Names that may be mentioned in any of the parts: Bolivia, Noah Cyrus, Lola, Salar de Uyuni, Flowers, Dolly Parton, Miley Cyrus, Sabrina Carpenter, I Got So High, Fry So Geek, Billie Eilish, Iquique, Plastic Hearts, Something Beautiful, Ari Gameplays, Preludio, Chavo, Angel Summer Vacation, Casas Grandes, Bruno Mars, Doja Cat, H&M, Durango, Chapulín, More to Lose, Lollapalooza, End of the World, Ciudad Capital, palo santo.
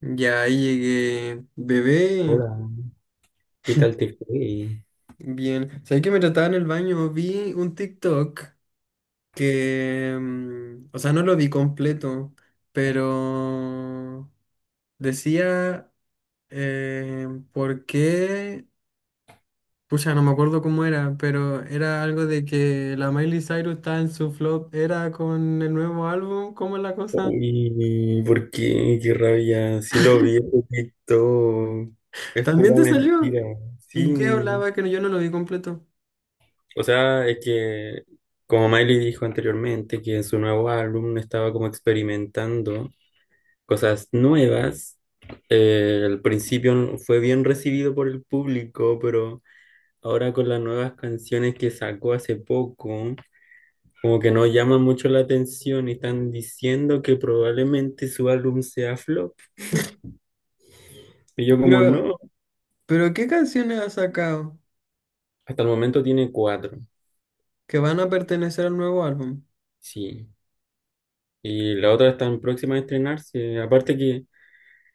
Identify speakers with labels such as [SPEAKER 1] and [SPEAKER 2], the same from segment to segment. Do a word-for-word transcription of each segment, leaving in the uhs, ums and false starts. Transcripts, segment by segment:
[SPEAKER 1] Ya ahí llegué, bebé,
[SPEAKER 2] Hola, ¿qué tal te fue?
[SPEAKER 1] bien. ¿Sabes que me trataba en el baño? Vi un TikTok que, mm, o sea, no lo vi completo, pero decía, eh, ¿por qué? Pucha, no me acuerdo cómo era, pero era algo de que la Miley Cyrus está en su flop, era con el nuevo álbum, ¿cómo es la cosa?
[SPEAKER 2] Uy, ¿por qué? Qué rabia. Sí lo vi, lo quitó. Es
[SPEAKER 1] ¿También
[SPEAKER 2] pura
[SPEAKER 1] te salió?
[SPEAKER 2] mentira.
[SPEAKER 1] ¿Y qué
[SPEAKER 2] Sí.
[SPEAKER 1] hablaba que no- yo no lo vi completo?
[SPEAKER 2] O sea, es que como Miley dijo anteriormente, que en su nuevo álbum estaba como experimentando cosas nuevas. Eh, al principio fue bien recibido por el público, pero ahora con las nuevas canciones que sacó hace poco. Como que no llama mucho la atención y están diciendo que probablemente su álbum sea flop. Y yo como
[SPEAKER 1] Pero,
[SPEAKER 2] no,
[SPEAKER 1] pero ¿qué canciones ha sacado?
[SPEAKER 2] hasta el momento tiene cuatro,
[SPEAKER 1] Que van a pertenecer al nuevo álbum.
[SPEAKER 2] sí. Y la otra está en próxima a estrenarse. Aparte que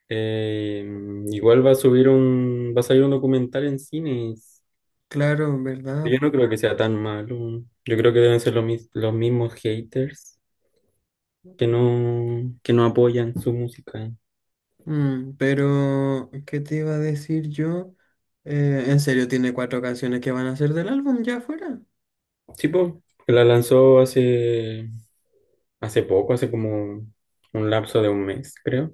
[SPEAKER 2] eh, igual va a subir un, va a salir un documental en cines.
[SPEAKER 1] Claro, ¿verdad?
[SPEAKER 2] Yo no creo que sea tan malo. Yo creo que deben ser los, mis- los mismos haters que no, que no apoyan su música.
[SPEAKER 1] Mm, pero ¿qué te iba a decir yo? Eh, en serio, tiene cuatro canciones que van a ser del álbum ya fuera.
[SPEAKER 2] Sí, po, que la lanzó hace Hace poco, hace como un, un lapso de un mes, creo.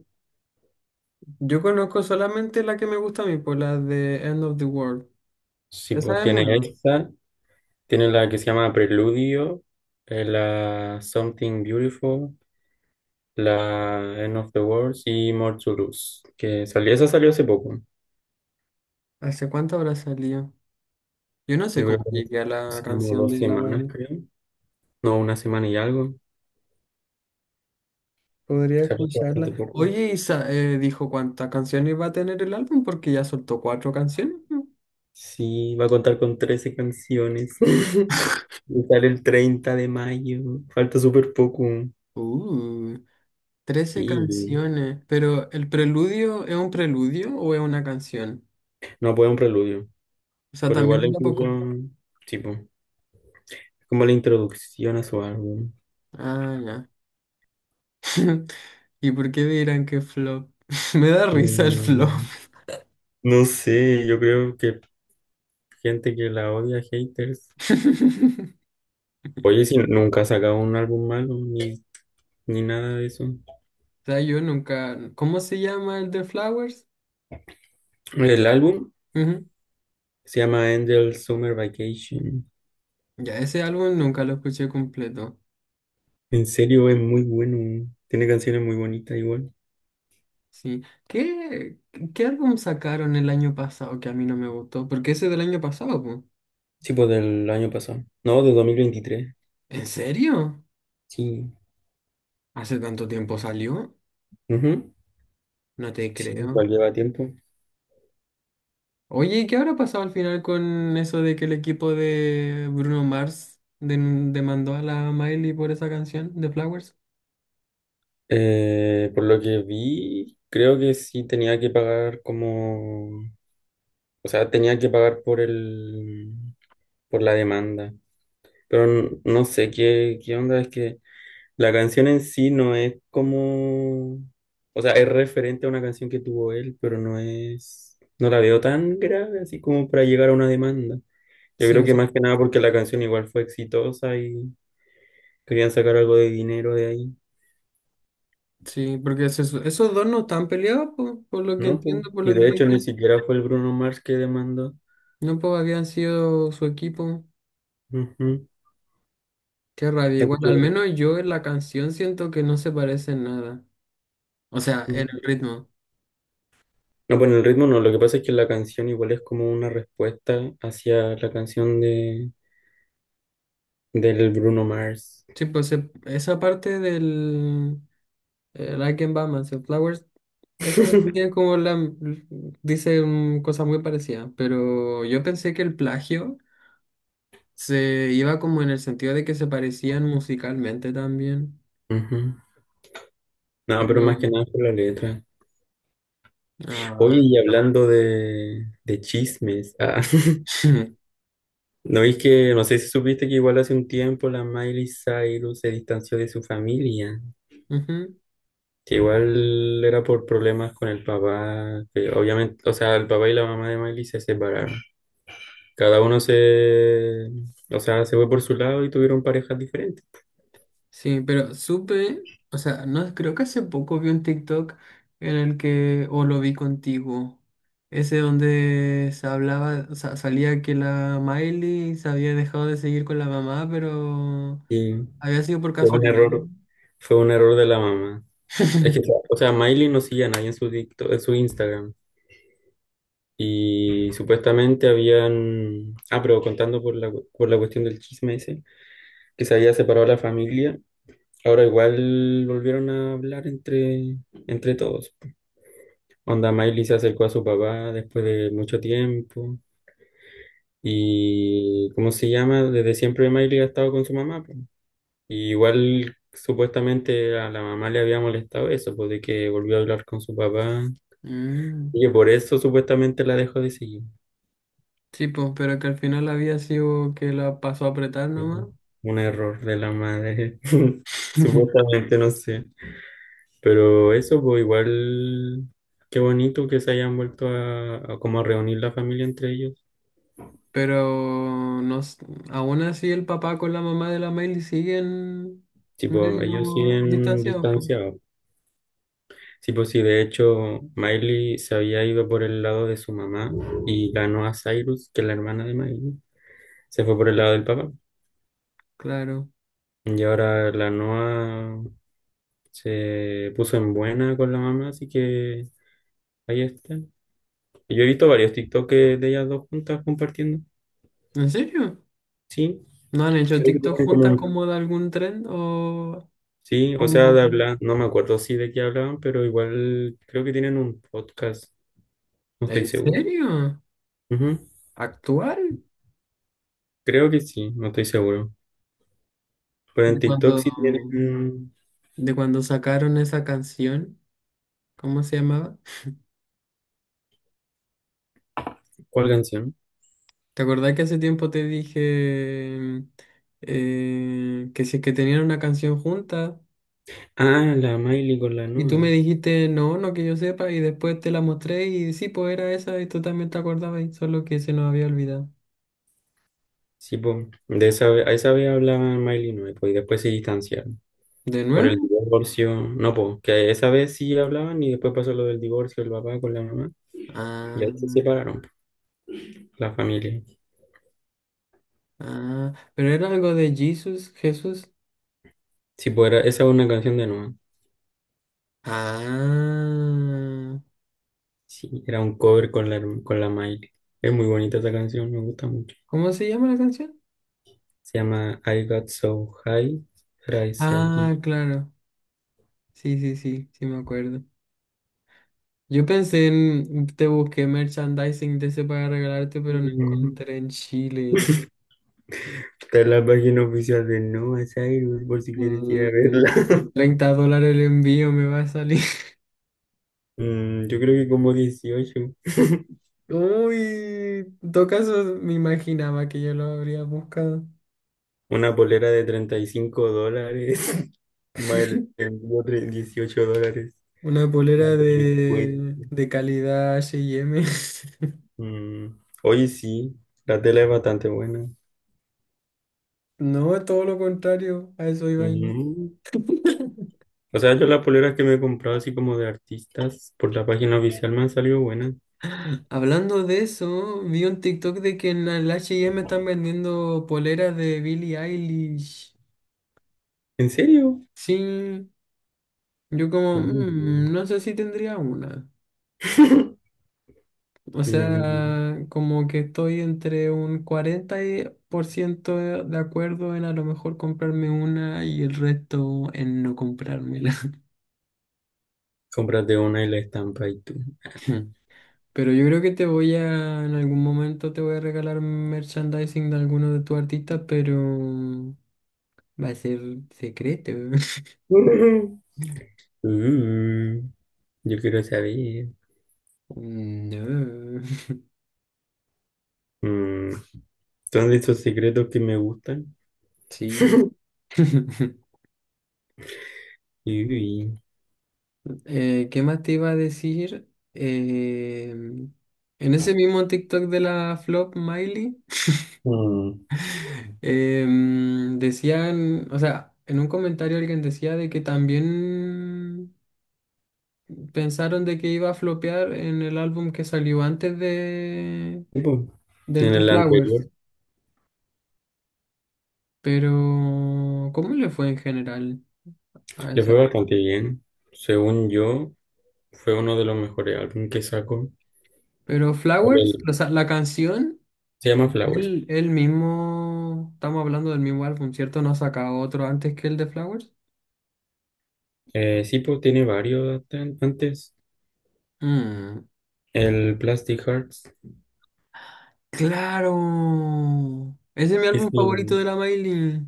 [SPEAKER 1] Yo conozco solamente la que me gusta a mí, por la de End of the World.
[SPEAKER 2] Sí, pues
[SPEAKER 1] Esa es
[SPEAKER 2] tiene
[SPEAKER 1] nueva.
[SPEAKER 2] esta, tiene la que se llama Preludio, eh, la Something Beautiful, la End of the World y More to Lose, que salió, esa salió hace poco.
[SPEAKER 1] ¿Hace cuánto habrá salido? Yo no sé
[SPEAKER 2] Yo creo
[SPEAKER 1] cómo
[SPEAKER 2] que
[SPEAKER 1] llegué a la
[SPEAKER 2] hace como
[SPEAKER 1] canción
[SPEAKER 2] dos
[SPEAKER 1] de La
[SPEAKER 2] semanas,
[SPEAKER 1] Miley.
[SPEAKER 2] creo. No, una semana y algo.
[SPEAKER 1] Podría
[SPEAKER 2] Salió hace bastante
[SPEAKER 1] escucharla.
[SPEAKER 2] poco.
[SPEAKER 1] Oye, Isa, eh, dijo cuántas canciones va a tener el álbum porque ya soltó cuatro canciones, ¿no?
[SPEAKER 2] Sí, va a contar con trece canciones. Y sale el treinta de mayo. Falta súper poco.
[SPEAKER 1] Uh. Trece
[SPEAKER 2] Y
[SPEAKER 1] canciones, pero ¿el preludio es un preludio o es una canción?
[SPEAKER 2] no puede un preludio.
[SPEAKER 1] O sea,
[SPEAKER 2] Pero
[SPEAKER 1] también
[SPEAKER 2] igual la
[SPEAKER 1] dura
[SPEAKER 2] incluyo,
[SPEAKER 1] poco.
[SPEAKER 2] tipo, es como la introducción a su álbum.
[SPEAKER 1] Ah, ya. ¿Y por qué dirán que flop? Me da risa el
[SPEAKER 2] Y
[SPEAKER 1] flop.
[SPEAKER 2] no sé, yo creo que gente que la odia, haters. Oye, si nunca ha sacado un álbum malo, ni, ni nada de eso.
[SPEAKER 1] O sea, yo nunca. ¿Cómo se llama el de Flowers?
[SPEAKER 2] El álbum
[SPEAKER 1] Ujú.
[SPEAKER 2] se llama Angel Summer Vacation.
[SPEAKER 1] Ya, ese álbum nunca lo escuché completo.
[SPEAKER 2] En serio, es muy bueno. Tiene canciones muy bonitas igual.
[SPEAKER 1] Sí. ¿Qué, qué álbum sacaron el año pasado que a mí no me gustó? Porque ese del año pasado, po.
[SPEAKER 2] Sí, pues del año pasado. No, de dos mil veintitrés.
[SPEAKER 1] ¿En serio?
[SPEAKER 2] Sí.
[SPEAKER 1] ¿Hace tanto tiempo salió?
[SPEAKER 2] Ujú.
[SPEAKER 1] No te
[SPEAKER 2] Sí,
[SPEAKER 1] creo.
[SPEAKER 2] igual lleva tiempo.
[SPEAKER 1] Oye, ¿qué habrá pasado al final con eso de que el equipo de Bruno Mars den- demandó a la Miley por esa canción de Flowers?
[SPEAKER 2] Eh, por lo que vi, creo que sí tenía que pagar como, o sea, tenía que pagar por el, por la demanda. Pero n- no sé qué, qué onda, es que la canción en sí no es como, o sea, es referente a una canción que tuvo él, pero no es, no la veo tan grave así como para llegar a una demanda. Yo
[SPEAKER 1] Sí,
[SPEAKER 2] creo que
[SPEAKER 1] sí.
[SPEAKER 2] más que nada porque la canción igual fue exitosa y querían sacar algo de dinero de ahí.
[SPEAKER 1] Sí, porque es eso- esos dos no están peleados, po, por lo que
[SPEAKER 2] No, pues,
[SPEAKER 1] entiendo, por
[SPEAKER 2] y
[SPEAKER 1] lo que
[SPEAKER 2] de hecho ni
[SPEAKER 1] dicen.
[SPEAKER 2] siquiera fue el Bruno Mars que demandó.
[SPEAKER 1] No, pues habían sido su equipo.
[SPEAKER 2] Ujú.
[SPEAKER 1] Qué rabia.
[SPEAKER 2] Así
[SPEAKER 1] Igual,
[SPEAKER 2] que,
[SPEAKER 1] al menos yo en la canción siento que no se parecen nada. O sea, en el
[SPEAKER 2] ujú.
[SPEAKER 1] ritmo.
[SPEAKER 2] No, bueno, el ritmo no, lo que pasa es que la canción igual es como una respuesta hacia la canción de, del Bruno Mars.
[SPEAKER 1] Sí, pues se- esa parte del, eh, Like and Batman, Flowers. Esa tiene como la. Dice mm, cosas muy parecidas, pero yo pensé que el plagio se iba como en el sentido de que se parecían musicalmente también.
[SPEAKER 2] Ujú. No, pero
[SPEAKER 1] Pero.
[SPEAKER 2] más que nada por la letra. Oye,
[SPEAKER 1] Ah.
[SPEAKER 2] y hablando de, de chismes, ah, ¿no es que, no sé si supiste que igual hace un tiempo la Miley Cyrus se distanció de su familia.
[SPEAKER 1] Ujú.
[SPEAKER 2] Que igual era por problemas con el papá, que obviamente, o sea, el papá y la mamá de Miley se separaron. Cada uno se, o sea, se fue por su lado y tuvieron parejas diferentes.
[SPEAKER 1] Sí, pero supe, o sea, no creo que hace poco vi un TikTok en el que, o lo vi contigo, ese donde se hablaba, o sea, salía que la Miley se había dejado de seguir con la mamá, pero
[SPEAKER 2] Y
[SPEAKER 1] había sido por
[SPEAKER 2] fue un
[SPEAKER 1] casualidad,
[SPEAKER 2] error,
[SPEAKER 1] ¿no?
[SPEAKER 2] fue un error de la mamá. Es que, o sea, Miley no sigue a nadie en su TikTok- en su Instagram. Y supuestamente habían, ah, pero contando por la, por la cuestión del chisme ese, que se había separado la familia, ahora igual volvieron a hablar entre, entre todos. Onda Miley se acercó a su papá después de mucho tiempo. Y, ¿cómo se llama? Desde siempre Miley ha estado con su mamá, po. Y igual supuestamente a la mamá le había molestado eso, pues de que volvió a hablar con su papá.
[SPEAKER 1] Mm,
[SPEAKER 2] Y que por eso supuestamente la dejó de seguir.
[SPEAKER 1] sí, pues, pero que al final había sido que la pasó a apretar
[SPEAKER 2] Y,
[SPEAKER 1] nomás.
[SPEAKER 2] pues, un error de la madre. Supuestamente, no sé. Pero eso, pues igual, qué bonito que se hayan vuelto a, a como a reunir la familia entre ellos.
[SPEAKER 1] Pero no, s- aún así el papá con la mamá de la Miley siguen
[SPEAKER 2] Tipo, ellos
[SPEAKER 1] medio
[SPEAKER 2] siguen
[SPEAKER 1] distanciados.
[SPEAKER 2] distanciados. Sí, pues sí, de hecho, Miley se había ido por el lado de su mamá y ganó a Cyrus, que es la hermana de Miley. Se fue por el lado del papá.
[SPEAKER 1] Claro.
[SPEAKER 2] Y ahora la Noa se puso en buena con la mamá, así que ahí está. Y yo he visto varios TikToks de ellas dos juntas compartiendo.
[SPEAKER 1] ¿En serio?
[SPEAKER 2] Sí,
[SPEAKER 1] ¿No han hecho
[SPEAKER 2] creo que
[SPEAKER 1] TikTok
[SPEAKER 2] tienen como
[SPEAKER 1] juntas
[SPEAKER 2] un...
[SPEAKER 1] como de algún tren o
[SPEAKER 2] Sí, o sea,
[SPEAKER 1] como...
[SPEAKER 2] de hablar, no me acuerdo sí de qué hablaban, pero igual creo que tienen un podcast, no estoy
[SPEAKER 1] ¿En
[SPEAKER 2] seguro.
[SPEAKER 1] serio?
[SPEAKER 2] Ujú,
[SPEAKER 1] ¿Actual?
[SPEAKER 2] Creo que sí, no estoy seguro. Pero
[SPEAKER 1] ¿De
[SPEAKER 2] en TikTok
[SPEAKER 1] cuando,
[SPEAKER 2] sí tienen...
[SPEAKER 1] de cuando sacaron esa canción? ¿Cómo se llamaba?
[SPEAKER 2] ¿Cuál canción?
[SPEAKER 1] ¿Te acordás que hace tiempo te dije eh, que si es que tenían una canción junta
[SPEAKER 2] Ah, la Miley con la
[SPEAKER 1] y tú
[SPEAKER 2] Noa.
[SPEAKER 1] me dijiste no, no que yo sepa y después te la mostré y sí, pues era esa y tú también te acordabas y solo que se nos había olvidado?
[SPEAKER 2] Sí, po. De esa, ve- a esa vez hablaban Miley y Noa, po, y después se distanciaron.
[SPEAKER 1] ¿De
[SPEAKER 2] Por el
[SPEAKER 1] nuevo?
[SPEAKER 2] divorcio. No, pues, que esa vez sí hablaban y después pasó lo del divorcio del papá con la mamá. Y
[SPEAKER 1] Ah.
[SPEAKER 2] ahí se separaron, po, la familia.
[SPEAKER 1] Ah, pero era algo de Jesus, Jesús.
[SPEAKER 2] Sí, pues era, esa es una canción de Noa.
[SPEAKER 1] Ah,
[SPEAKER 2] Sí, era un cover con la, herm- con la Miley. Es muy bonita esa canción, me gusta mucho.
[SPEAKER 1] ¿cómo se llama la canción?
[SPEAKER 2] Se llama I Got So High, Fry So
[SPEAKER 1] Ah,
[SPEAKER 2] Geek.
[SPEAKER 1] claro. Sí, sí, sí, sí me acuerdo. Yo pensé en, te busqué merchandising de ese para regalarte, pero no encontré en Chile.
[SPEAKER 2] Está en la página oficial de Noah Cyrus, por si quieres ir a
[SPEAKER 1] Mm,
[SPEAKER 2] verla.
[SPEAKER 1] treinta dólares el envío me va a salir.
[SPEAKER 2] Mm, yo creo que como dieciocho.
[SPEAKER 1] Uy, en todo caso me imaginaba que yo lo habría buscado.
[SPEAKER 2] Una polera de treinta y cinco dólares. Más el envío, tre- dieciocho dólares.
[SPEAKER 1] Una
[SPEAKER 2] Más
[SPEAKER 1] polera
[SPEAKER 2] el descuento.
[SPEAKER 1] de, de calidad H y M.
[SPEAKER 2] Mm, Oye, sí. La tela es bastante buena.
[SPEAKER 1] No, todo lo contrario, a eso iba yo.
[SPEAKER 2] Ujú. O sea, yo las poleras que me he comprado así como de artistas por la página oficial me han salido buenas.
[SPEAKER 1] Hablando de eso, vi un TikTok de que en el H y M están vendiendo poleras de Billie Eilish.
[SPEAKER 2] ¿En serio?
[SPEAKER 1] Sí, yo como,
[SPEAKER 2] Mm.
[SPEAKER 1] "Mm, no sé si tendría una. O
[SPEAKER 2] Mm.
[SPEAKER 1] sea, como que estoy entre un cuarenta por ciento de de acuerdo en a lo mejor comprarme una y el resto en no comprármela.
[SPEAKER 2] Cómprate una y la estampa y tú.
[SPEAKER 1] Pero yo creo que te voy a, en algún momento te voy a regalar merchandising de alguno de tus artistas, pero va a ser secreto.
[SPEAKER 2] Mm. Yo quiero saber.
[SPEAKER 1] No.
[SPEAKER 2] Mm. Son de esos secretos que me gustan.
[SPEAKER 1] Sí.
[SPEAKER 2] Y,
[SPEAKER 1] Eh, ¿qué más te iba a decir? Eh, en ese mismo TikTok de la flop Miley,
[SPEAKER 2] mm,
[SPEAKER 1] em, decían, o sea, en un comentario alguien decía de que también pensaron de que iba a flopear en el álbum que salió antes de
[SPEAKER 2] y, pues,
[SPEAKER 1] del
[SPEAKER 2] en
[SPEAKER 1] The
[SPEAKER 2] el
[SPEAKER 1] Flowers,
[SPEAKER 2] anterior
[SPEAKER 1] pero ¿cómo le fue en general a
[SPEAKER 2] le
[SPEAKER 1] esa?
[SPEAKER 2] fue bastante bien. Según yo, fue uno de los mejores álbumes que sacó.
[SPEAKER 1] Pero Flowers,
[SPEAKER 2] El-
[SPEAKER 1] o sea, la canción,
[SPEAKER 2] Se llama Flowers.
[SPEAKER 1] él, él mismo, estamos hablando del mismo álbum, ¿cierto? ¿No ha sacado otro antes que el de Flowers?
[SPEAKER 2] Eh, sí, pues tiene varios an- antes.
[SPEAKER 1] Mm,
[SPEAKER 2] El Plastic Hearts
[SPEAKER 1] claro, ese es mi álbum
[SPEAKER 2] es
[SPEAKER 1] favorito
[SPEAKER 2] mi.
[SPEAKER 1] de la Miley.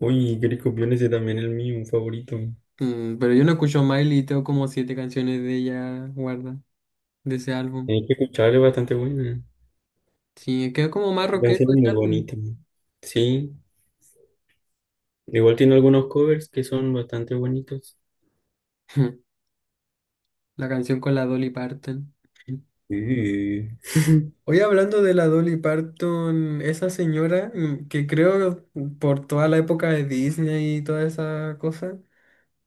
[SPEAKER 2] Uy, Grey Copión, ese también es el mío, un favorito.
[SPEAKER 1] Mm, pero yo no escucho Miley y tengo como siete canciones de ella guarda, de ese álbum.
[SPEAKER 2] Tienes que escucharlo, es bastante buena.
[SPEAKER 1] Sí, quedó como más
[SPEAKER 2] La
[SPEAKER 1] rockero
[SPEAKER 2] canción es muy
[SPEAKER 1] ese álbum.
[SPEAKER 2] bonita. Sí, igual tiene algunos covers que son bastante bonitos.
[SPEAKER 1] La canción con la Dolly Parton.
[SPEAKER 2] Sí.
[SPEAKER 1] Hoy hablando de la Dolly Parton, esa señora mm, que creo mm, por toda la época de Disney y toda esa cosa,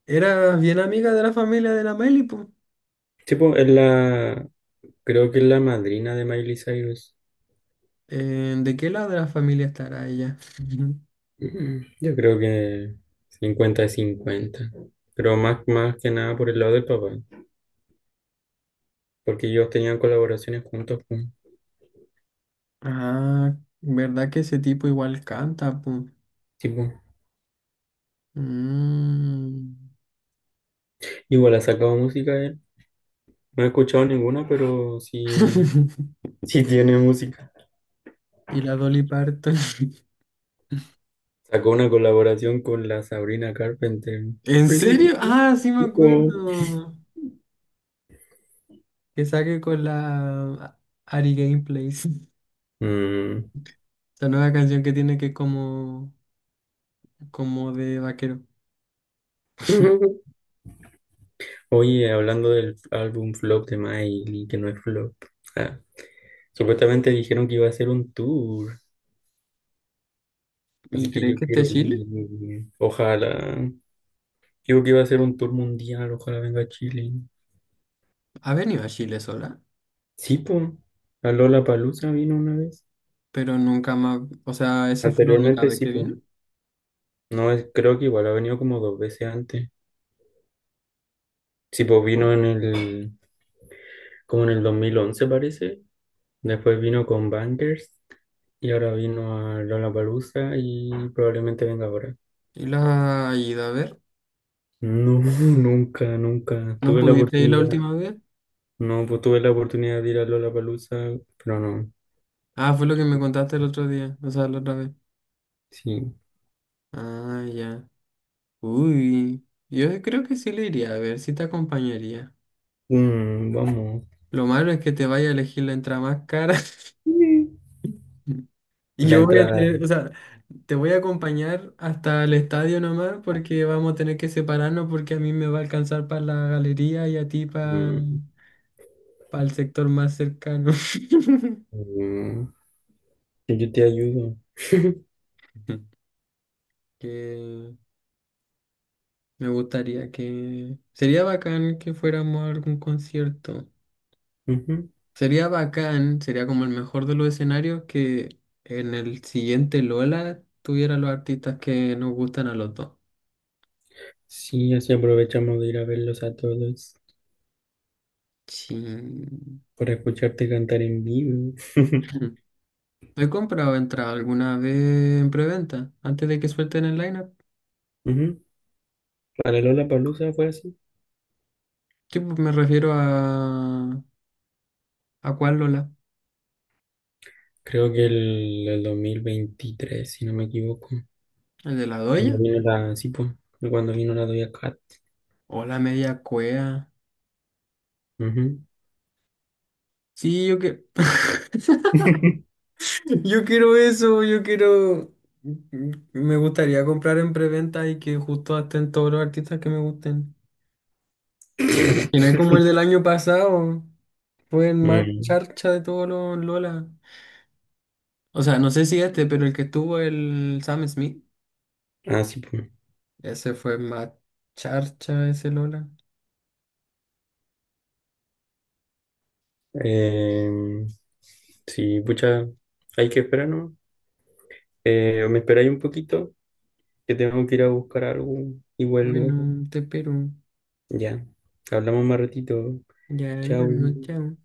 [SPEAKER 1] era bien amiga de la familia de la Miley, po.
[SPEAKER 2] Sí, pues, es la, creo que es la madrina de Miley Cyrus.
[SPEAKER 1] Eh, ¿de qué lado de la familia estará ella?
[SPEAKER 2] Mm, Yo creo que cincuenta de cincuenta. Pero más, más que nada por el lado del papá. Porque ellos tenían colaboraciones juntos, pues.
[SPEAKER 1] Ah, ¿verdad que ese tipo igual canta, po?
[SPEAKER 2] Sí, pues.
[SPEAKER 1] Mm.
[SPEAKER 2] Igual ha sacado música él. No he escuchado ninguna, pero sí, sí tiene música.
[SPEAKER 1] Y la Dolly Parton.
[SPEAKER 2] Sacó una colaboración con la Sabrina Carpenter.
[SPEAKER 1] ¿En
[SPEAKER 2] Please.
[SPEAKER 1] serio? Ah, sí me
[SPEAKER 2] Oh.
[SPEAKER 1] acuerdo. Que saque con la ah, Ari Gameplays.
[SPEAKER 2] Mm.
[SPEAKER 1] La nueva canción que tiene que es como como de vaquero.
[SPEAKER 2] Oye, hablando del álbum flop de Miley, que no es flop. Ah. Supuestamente dijeron que iba a hacer un tour,
[SPEAKER 1] Y
[SPEAKER 2] así que
[SPEAKER 1] creí
[SPEAKER 2] yo
[SPEAKER 1] que este
[SPEAKER 2] quiero
[SPEAKER 1] Chile
[SPEAKER 2] ir. Ojalá. Digo que iba a hacer un tour mundial, ojalá venga a Chile.
[SPEAKER 1] ha venido a Chile sola,
[SPEAKER 2] Sí, po. A Lollapalooza vino una vez.
[SPEAKER 1] pero nunca más. O sea, esa fue la única
[SPEAKER 2] Anteriormente
[SPEAKER 1] vez
[SPEAKER 2] sí,
[SPEAKER 1] que
[SPEAKER 2] po.
[SPEAKER 1] vino
[SPEAKER 2] No, es- creo que igual ha venido como dos veces antes. Sí, po, vino en el, como en el dos mil once parece. Después vino con Bangers y ahora vino a Lollapalooza y probablemente venga ahora.
[SPEAKER 1] y la ha ido a ver.
[SPEAKER 2] No, nunca, nunca
[SPEAKER 1] ¿No
[SPEAKER 2] tuve la
[SPEAKER 1] pudiste ir la
[SPEAKER 2] oportunidad.
[SPEAKER 1] última vez?
[SPEAKER 2] No, pues tuve la oportunidad de ir a Lollapalooza, pero no.
[SPEAKER 1] Ah, fue lo que me contaste el otro día, o sea, la otra vez.
[SPEAKER 2] Sí.
[SPEAKER 1] Ah, ya. Uy, yo creo que sí le iría a ver, sí te acompañaría.
[SPEAKER 2] Mm, vamos.
[SPEAKER 1] Lo malo es que te vaya a elegir la entrada más cara.
[SPEAKER 2] Sí.
[SPEAKER 1] Y
[SPEAKER 2] La
[SPEAKER 1] yo voy a
[SPEAKER 2] entrada.
[SPEAKER 1] tener, o sea, te voy a acompañar hasta el estadio nomás porque vamos a tener que separarnos porque a mí me va a alcanzar para la galería y a ti para
[SPEAKER 2] Mm,
[SPEAKER 1] el sector más cercano.
[SPEAKER 2] mm, yo te ayudo.
[SPEAKER 1] Que me gustaría que... sería bacán que fuéramos a algún concierto.
[SPEAKER 2] Ujú.
[SPEAKER 1] Sería bacán, sería como el mejor de los escenarios que en el siguiente Lola tuviera los artistas que nos gustan a los dos.
[SPEAKER 2] Sí, así aprovechamos de ir a verlos a todos
[SPEAKER 1] Sí.
[SPEAKER 2] para escucharte cantar en vivo.
[SPEAKER 1] He comprado entrada alguna vez en preventa, antes de que suelten el lineup.
[SPEAKER 2] Ujú. Para Lollapalooza fue así.
[SPEAKER 1] Tipo, me refiero a. ¿A cuál Lola?
[SPEAKER 2] Creo que el, el dos mil veintitrés si no me equivoco.
[SPEAKER 1] ¿El de la
[SPEAKER 2] Cuando
[SPEAKER 1] doya?
[SPEAKER 2] vino la, sí, pues, cuando vino la Doja Cat.
[SPEAKER 1] ¿O la media cuea?
[SPEAKER 2] Ujú.
[SPEAKER 1] Sí, yo que. Yo quiero eso, yo quiero. Mm, me gustaría comprar en preventa y que justo estén todos los artistas que me gusten. Y no es como el del año pasado, fue el más
[SPEAKER 2] Mm.
[SPEAKER 1] charcha de todos los Lola. O sea, no sé si este, pero el que tuvo el Sam Smith.
[SPEAKER 2] Ah, sí, pues.
[SPEAKER 1] Ese fue más charcha ese Lola.
[SPEAKER 2] Em, sí, pucha, hay que esperar, ¿no? Eh, me esperáis un poquito, que tengo que ir a buscar algo y vuelvo.
[SPEAKER 1] Bueno, te espero.
[SPEAKER 2] Ya, hablamos más ratito.
[SPEAKER 1] Ya no creo que
[SPEAKER 2] Chao.
[SPEAKER 1] no, chao.